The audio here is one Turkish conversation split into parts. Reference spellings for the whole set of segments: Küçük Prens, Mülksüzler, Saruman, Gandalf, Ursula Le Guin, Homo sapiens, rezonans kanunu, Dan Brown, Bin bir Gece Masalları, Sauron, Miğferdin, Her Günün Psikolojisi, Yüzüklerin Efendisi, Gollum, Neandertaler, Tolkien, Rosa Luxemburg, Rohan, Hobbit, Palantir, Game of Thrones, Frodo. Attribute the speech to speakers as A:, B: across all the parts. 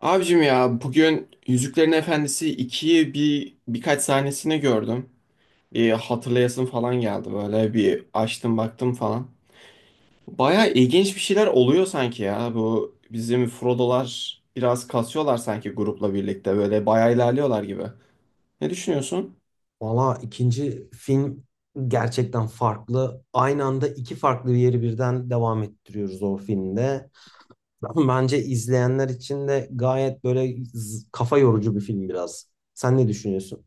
A: Abicim ya bugün Yüzüklerin Efendisi ikiyi birkaç sahnesini gördüm. Bir hatırlayasım falan geldi, böyle bir açtım baktım falan. Baya ilginç bir şeyler oluyor sanki, ya bu bizim Frodo'lar biraz kasıyorlar sanki, grupla birlikte böyle baya ilerliyorlar gibi. Ne düşünüyorsun?
B: Valla ikinci film gerçekten farklı. Aynı anda iki farklı yeri birden devam ettiriyoruz o filmde. Bence izleyenler için de gayet böyle kafa yorucu bir film biraz. Sen ne düşünüyorsun?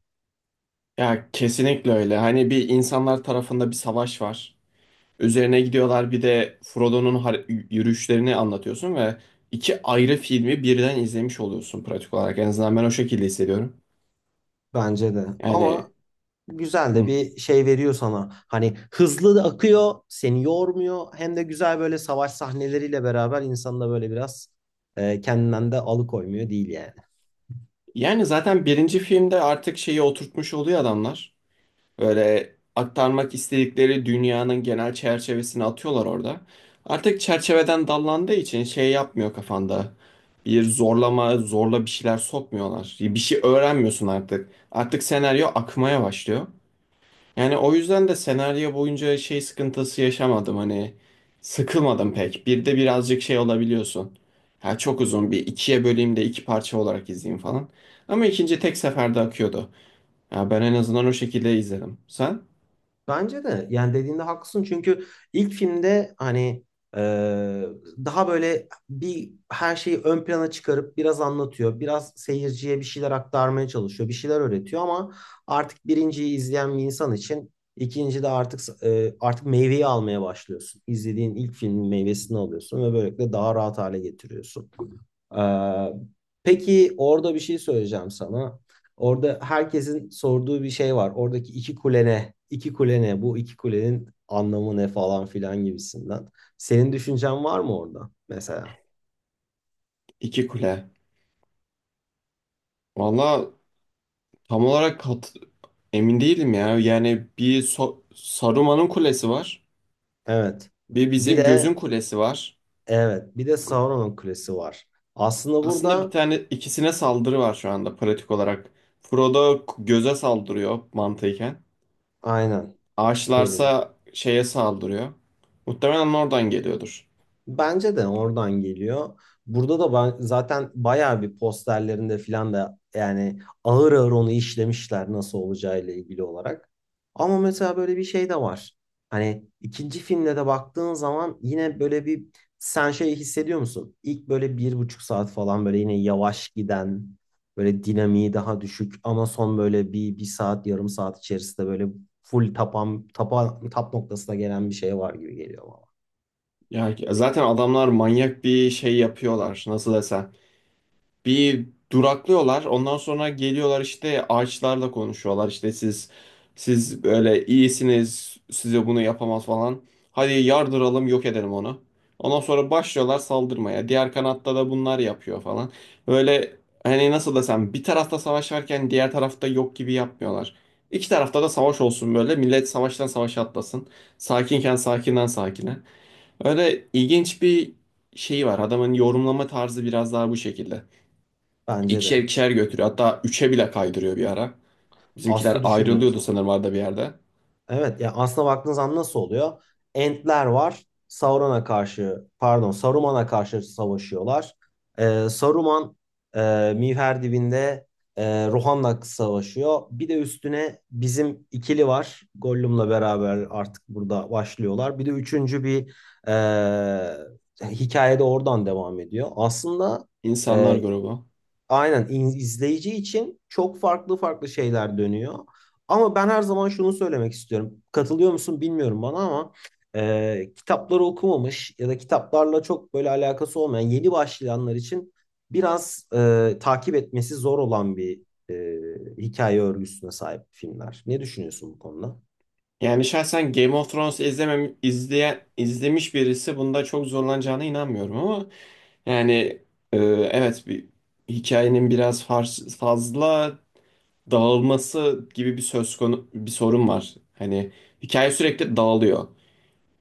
A: Ya kesinlikle öyle, hani bir insanlar tarafında bir savaş var. Üzerine gidiyorlar, bir de yürüyüşlerini anlatıyorsun ve iki ayrı filmi birden izlemiş oluyorsun pratik olarak. En azından ben o şekilde hissediyorum.
B: Bence de.
A: Yani
B: Ama güzel de
A: hı.
B: bir şey veriyor sana. Hani hızlı da akıyor, seni yormuyor. Hem de güzel böyle savaş sahneleriyle beraber insanı da böyle biraz kendinden de alıkoymuyor değil yani.
A: Yani zaten birinci filmde artık şeyi oturtmuş oluyor adamlar. Böyle aktarmak istedikleri dünyanın genel çerçevesini atıyorlar orada. Artık çerçeveden dallandığı için şey yapmıyor kafanda. Bir zorlama, zorla bir şeyler sokmuyorlar. Bir şey öğrenmiyorsun artık. Artık senaryo akmaya başlıyor. Yani o yüzden de senaryo boyunca şey sıkıntısı yaşamadım, hani sıkılmadım pek. Bir de birazcık şey olabiliyorsun. Ha çok uzun, bir ikiye böleyim de iki parça olarak izleyeyim falan. Ama ikinci tek seferde akıyordu. Ya ben en azından o şekilde izledim. Sen?
B: Bence de yani dediğinde haklısın çünkü ilk filmde hani e, daha böyle bir her şeyi ön plana çıkarıp biraz anlatıyor. Biraz seyirciye bir şeyler aktarmaya çalışıyor. Bir şeyler öğretiyor ama artık birinciyi izleyen bir insan için ikinci de artık meyveyi almaya başlıyorsun. İzlediğin ilk filmin meyvesini alıyorsun ve böylelikle daha rahat hale getiriyorsun. Ee, peki orada bir şey söyleyeceğim sana. Orada herkesin sorduğu bir şey var. Oradaki iki kule ne? İki kule ne? Bu iki kulenin anlamı ne falan filan gibisinden. Senin düşüncen var mı orada mesela?
A: İki Kule. Valla tam olarak emin değilim ya. Yani bir Saruman'ın kulesi var.
B: Evet.
A: Bir
B: Bir
A: bizim gözün
B: de
A: kulesi var.
B: evet, bir de Sauron'un kulesi var. Aslında
A: Aslında bir
B: burada
A: tane ikisine saldırı var şu anda pratik olarak. Göze saldırıyor mantıken.
B: aynen yerine.
A: Ağaçlarsa şeye saldırıyor. Muhtemelen oradan geliyordur.
B: Bence de oradan geliyor. Burada da zaten bayağı bir posterlerinde filan da yani ağır ağır onu işlemişler nasıl olacağıyla ilgili olarak. Ama mesela böyle bir şey de var. Hani ikinci filmde de baktığın zaman yine böyle bir sen şey hissediyor musun? İlk böyle 1,5 saat falan böyle yine yavaş giden böyle dinamiği daha düşük ama son böyle bir saat yarım saat içerisinde böyle full tapan, tapan, tap noktasına gelen bir şey var gibi geliyor bana.
A: Yani zaten adamlar manyak bir şey yapıyorlar. Nasıl desem. Bir duraklıyorlar. Ondan sonra geliyorlar, işte ağaçlarla konuşuyorlar. İşte siz böyle iyisiniz. Size bunu yapamaz falan. Hadi yardıralım, yok edelim onu. Ondan sonra başlıyorlar saldırmaya. Diğer kanatta da bunlar yapıyor falan. Böyle hani nasıl desem, bir tarafta savaş varken diğer tarafta yok gibi yapmıyorlar. İki tarafta da savaş olsun böyle. Millet savaştan savaşa atlasın. Sakinken sakinden sakine. Öyle ilginç bir şeyi var. Adamın yorumlama tarzı biraz daha bu şekilde.
B: Bence de.
A: İkişer ikişer götürüyor. Hatta üçe bile kaydırıyor bir ara. Bizimkiler
B: Aslı düşündüğün
A: ayrılıyordu
B: zaman.
A: sanırım arada bir yerde.
B: Evet yani aslına baktığınız zaman nasıl oluyor? Entler var. Sauron'a karşı pardon Saruman'a karşı savaşıyorlar. Saruman Miğferdin'de Rohan'la savaşıyor. Bir de üstüne bizim ikili var. Gollum'la beraber artık burada başlıyorlar. Bir de üçüncü bir e, hikayede oradan devam ediyor. Aslında,
A: İnsanlar
B: e,
A: grubu.
B: Aynen, izleyici için çok farklı farklı şeyler dönüyor. Ama ben her zaman şunu söylemek istiyorum. Katılıyor musun bilmiyorum bana ama kitapları okumamış ya da kitaplarla çok böyle alakası olmayan yeni başlayanlar için biraz takip etmesi zor olan bir hikaye örgüsüne sahip filmler. Ne düşünüyorsun bu konuda?
A: Yani şahsen Game of Thrones izlemem, izlemiş birisi bunda çok zorlanacağına inanmıyorum, ama yani e, evet, bir hikayenin fazla dağılması gibi bir söz konu bir sorun var. Hani hikaye sürekli dağılıyor.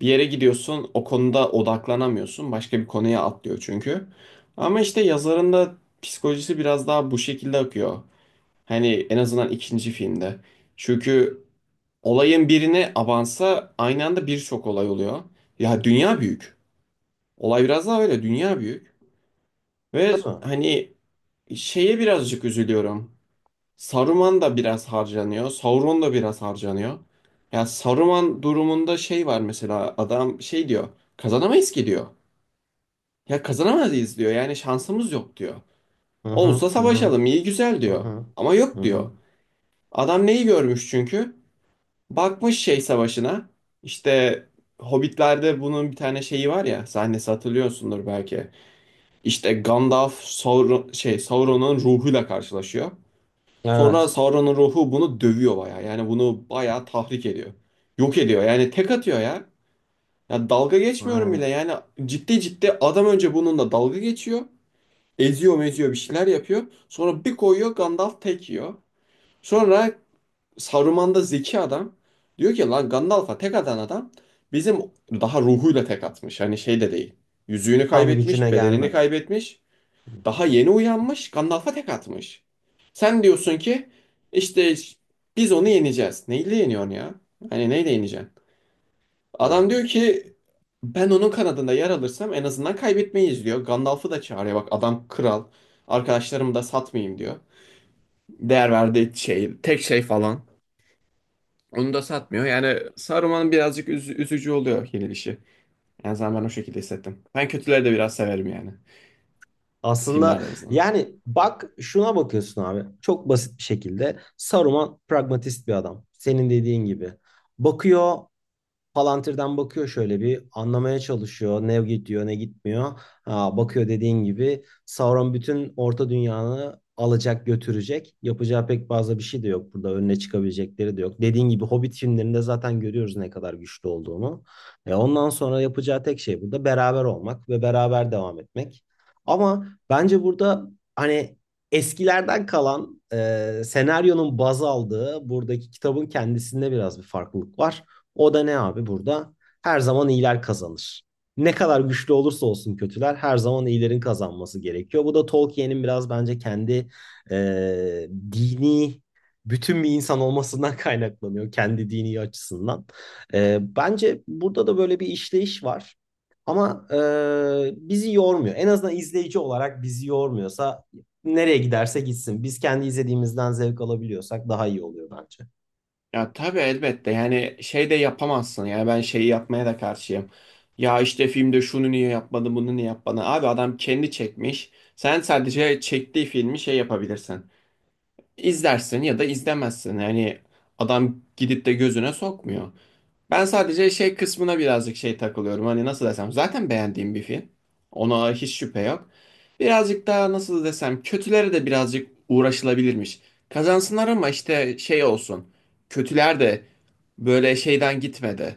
A: Bir yere gidiyorsun, o konuda odaklanamıyorsun. Başka bir konuya atlıyor çünkü. Ama işte yazarın da psikolojisi biraz daha bu şekilde akıyor. Hani en azından ikinci filmde. Çünkü olayın birini avansa aynı anda birçok olay oluyor. Ya dünya büyük. Olay biraz daha öyle, dünya büyük. Ve
B: Değil mi?
A: hani şeye birazcık üzülüyorum. Saruman da biraz harcanıyor. Sauron da biraz harcanıyor. Ya Saruman durumunda şey var, mesela adam şey diyor. Kazanamayız ki diyor. Ya kazanamayız diyor. Yani şansımız yok diyor.
B: Hı
A: Olsa
B: hı hı hı
A: savaşalım iyi güzel
B: hı
A: diyor.
B: hı.
A: Ama
B: Hı
A: yok diyor.
B: hı.
A: Adam neyi görmüş çünkü? Bakmış şey savaşına. İşte Hobbit'lerde bunun bir tane şeyi var ya, sahnesi hatırlıyorsundur belki. İşte Gandalf Sauron, şey Sauron'un ruhuyla karşılaşıyor. Sonra
B: Evet.
A: Sauron'un ruhu bunu dövüyor bayağı. Yani bunu bayağı tahrik ediyor. Yok ediyor. Yani tek atıyor ya. Ya dalga geçmiyorum
B: Aynen.
A: bile. Yani ciddi ciddi adam önce bununla dalga geçiyor. Eziyor meziyor bir şeyler yapıyor. Sonra bir koyuyor Gandalf tek yiyor. Sonra Saruman da zeki adam. Diyor ki lan Gandalf'a tek atan adam bizim daha ruhuyla tek atmış. Hani şey de değil. Yüzüğünü
B: Tam gücüne
A: kaybetmiş, bedenini
B: gelmeden.
A: kaybetmiş.
B: Hı
A: Daha
B: hı.
A: yeni uyanmış, Gandalf'a tek atmış. Sen diyorsun ki işte biz onu yeneceğiz. Neyle yeniyorsun ya? Hani neyle yeneceksin? Adam
B: Yani.
A: diyor ki ben onun kanadında yer alırsam en azından kaybetmeyiz diyor. Gandalf'ı da çağırıyor. Bak adam kral. Arkadaşlarımı da satmayayım diyor. Değer verdiği şey, tek şey falan. Onu da satmıyor. Yani Saruman birazcık üzücü oluyor yenilişi. En azından ben o şekilde hissettim. Ben kötüleri de biraz severim yani.
B: Aslında
A: Filmlerden azından.
B: yani bak şuna bakıyorsun abi. Çok basit bir şekilde Saruman pragmatist bir adam. Senin dediğin gibi. Bakıyor Palantir'den bakıyor şöyle bir anlamaya çalışıyor. Ne gidiyor ne gitmiyor. Ha, bakıyor dediğin gibi Sauron bütün orta dünyanı alacak götürecek. Yapacağı pek fazla bir şey de yok burada. Önüne çıkabilecekleri de yok. Dediğin gibi Hobbit filmlerinde zaten görüyoruz ne kadar güçlü olduğunu. E, ondan sonra yapacağı tek şey burada beraber olmak ve beraber devam etmek. Ama bence burada hani eskilerden kalan senaryonun baz aldığı buradaki kitabın kendisinde biraz bir farklılık var. O da ne abi burada? Her zaman iyiler kazanır. Ne kadar güçlü olursa olsun kötüler her zaman iyilerin kazanması gerekiyor. Bu da Tolkien'in biraz bence kendi dini bütün bir insan olmasından kaynaklanıyor. Kendi dini açısından. E, bence burada da böyle bir işleyiş var. Ama bizi yormuyor. En azından izleyici olarak bizi yormuyorsa nereye giderse gitsin. Biz kendi izlediğimizden zevk alabiliyorsak daha iyi oluyor bence.
A: Ya tabii elbette, yani şey de yapamazsın, yani ben şeyi yapmaya da karşıyım. Ya işte filmde şunu niye yapmadı bunu niye yapmadı. Abi adam kendi çekmiş. Sen sadece çektiği filmi şey yapabilirsin. İzlersin ya da izlemezsin. Yani adam gidip de gözüne sokmuyor. Ben sadece şey kısmına birazcık şey takılıyorum. Hani nasıl desem, zaten beğendiğim bir film. Ona hiç şüphe yok. Birazcık daha nasıl desem, kötülere de birazcık uğraşılabilirmiş. Kazansınlar ama işte şey olsun. Kötüler de böyle şeyden gitmedi.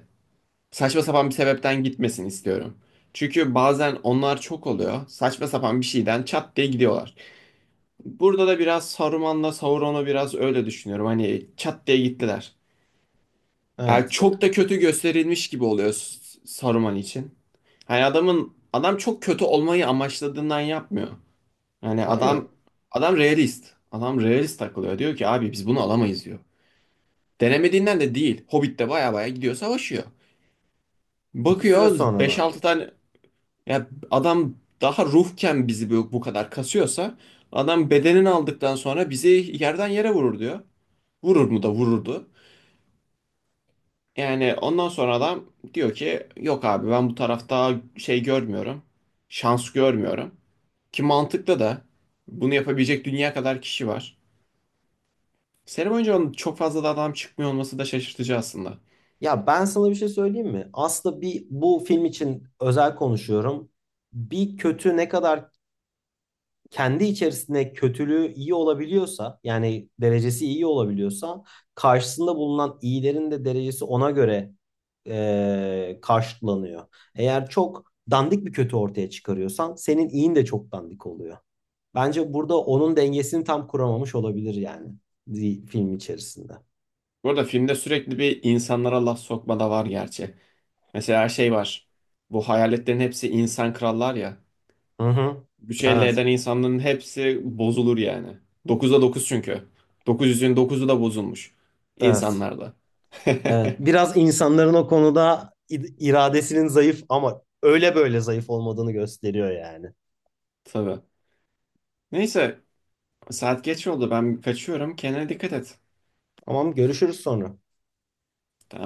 A: Saçma sapan bir sebepten gitmesin istiyorum. Çünkü bazen onlar çok oluyor. Saçma sapan bir şeyden çat diye gidiyorlar. Burada da biraz Saruman'la Sauron'u biraz öyle düşünüyorum. Hani çat diye gittiler. Yani
B: Evet.
A: çok da kötü gösterilmiş gibi oluyor Saruman için. Hani adam çok kötü olmayı amaçladığından yapmıyor. Yani
B: Aynen.
A: adam realist. Adam realist takılıyor. Diyor ki abi biz bunu alamayız diyor. Denemediğinden de değil. Hobbit'te baya baya gidiyor savaşıyor.
B: Bir süre
A: Bakıyor
B: sonra
A: beş
B: bence
A: altı
B: de.
A: tane, ya adam daha ruhken bizi bu kadar kasıyorsa adam bedenini aldıktan sonra bizi yerden yere vurur diyor. Vurur mu da vururdu. Yani ondan sonra adam diyor ki yok abi, ben bu tarafta şey görmüyorum. Şans görmüyorum. Ki mantıklı da, bunu yapabilecek dünya kadar kişi var. Seri boyunca onun çok fazla da adam çıkmıyor olması da şaşırtıcı aslında.
B: Ya ben sana bir şey söyleyeyim mi? Aslında bir bu film için özel konuşuyorum. Bir kötü ne kadar kendi içerisinde kötülüğü iyi olabiliyorsa, yani derecesi iyi olabiliyorsa, karşısında bulunan iyilerin de derecesi ona göre karşılanıyor. Eğer çok dandik bir kötü ortaya çıkarıyorsan, senin iyin de çok dandik oluyor. Bence burada onun dengesini tam kuramamış olabilir yani film içerisinde.
A: Bu arada filmde sürekli bir insanlara laf sokma da var gerçi. Mesela şey var. Bu hayaletlerin hepsi insan krallar ya.
B: Hı hı.
A: Güç elde
B: Evet.
A: eden insanların hepsi bozulur yani. 9'a 9 çünkü. Dokuz yüzün dokuzu da bozulmuş.
B: Evet.
A: İnsanlarda.
B: Evet, biraz insanların o konuda iradesinin zayıf ama öyle böyle zayıf olmadığını gösteriyor yani.
A: Tabii. Neyse saat geç oldu, ben kaçıyorum, kendine dikkat et.
B: Tamam, görüşürüz sonra.
A: Tamam.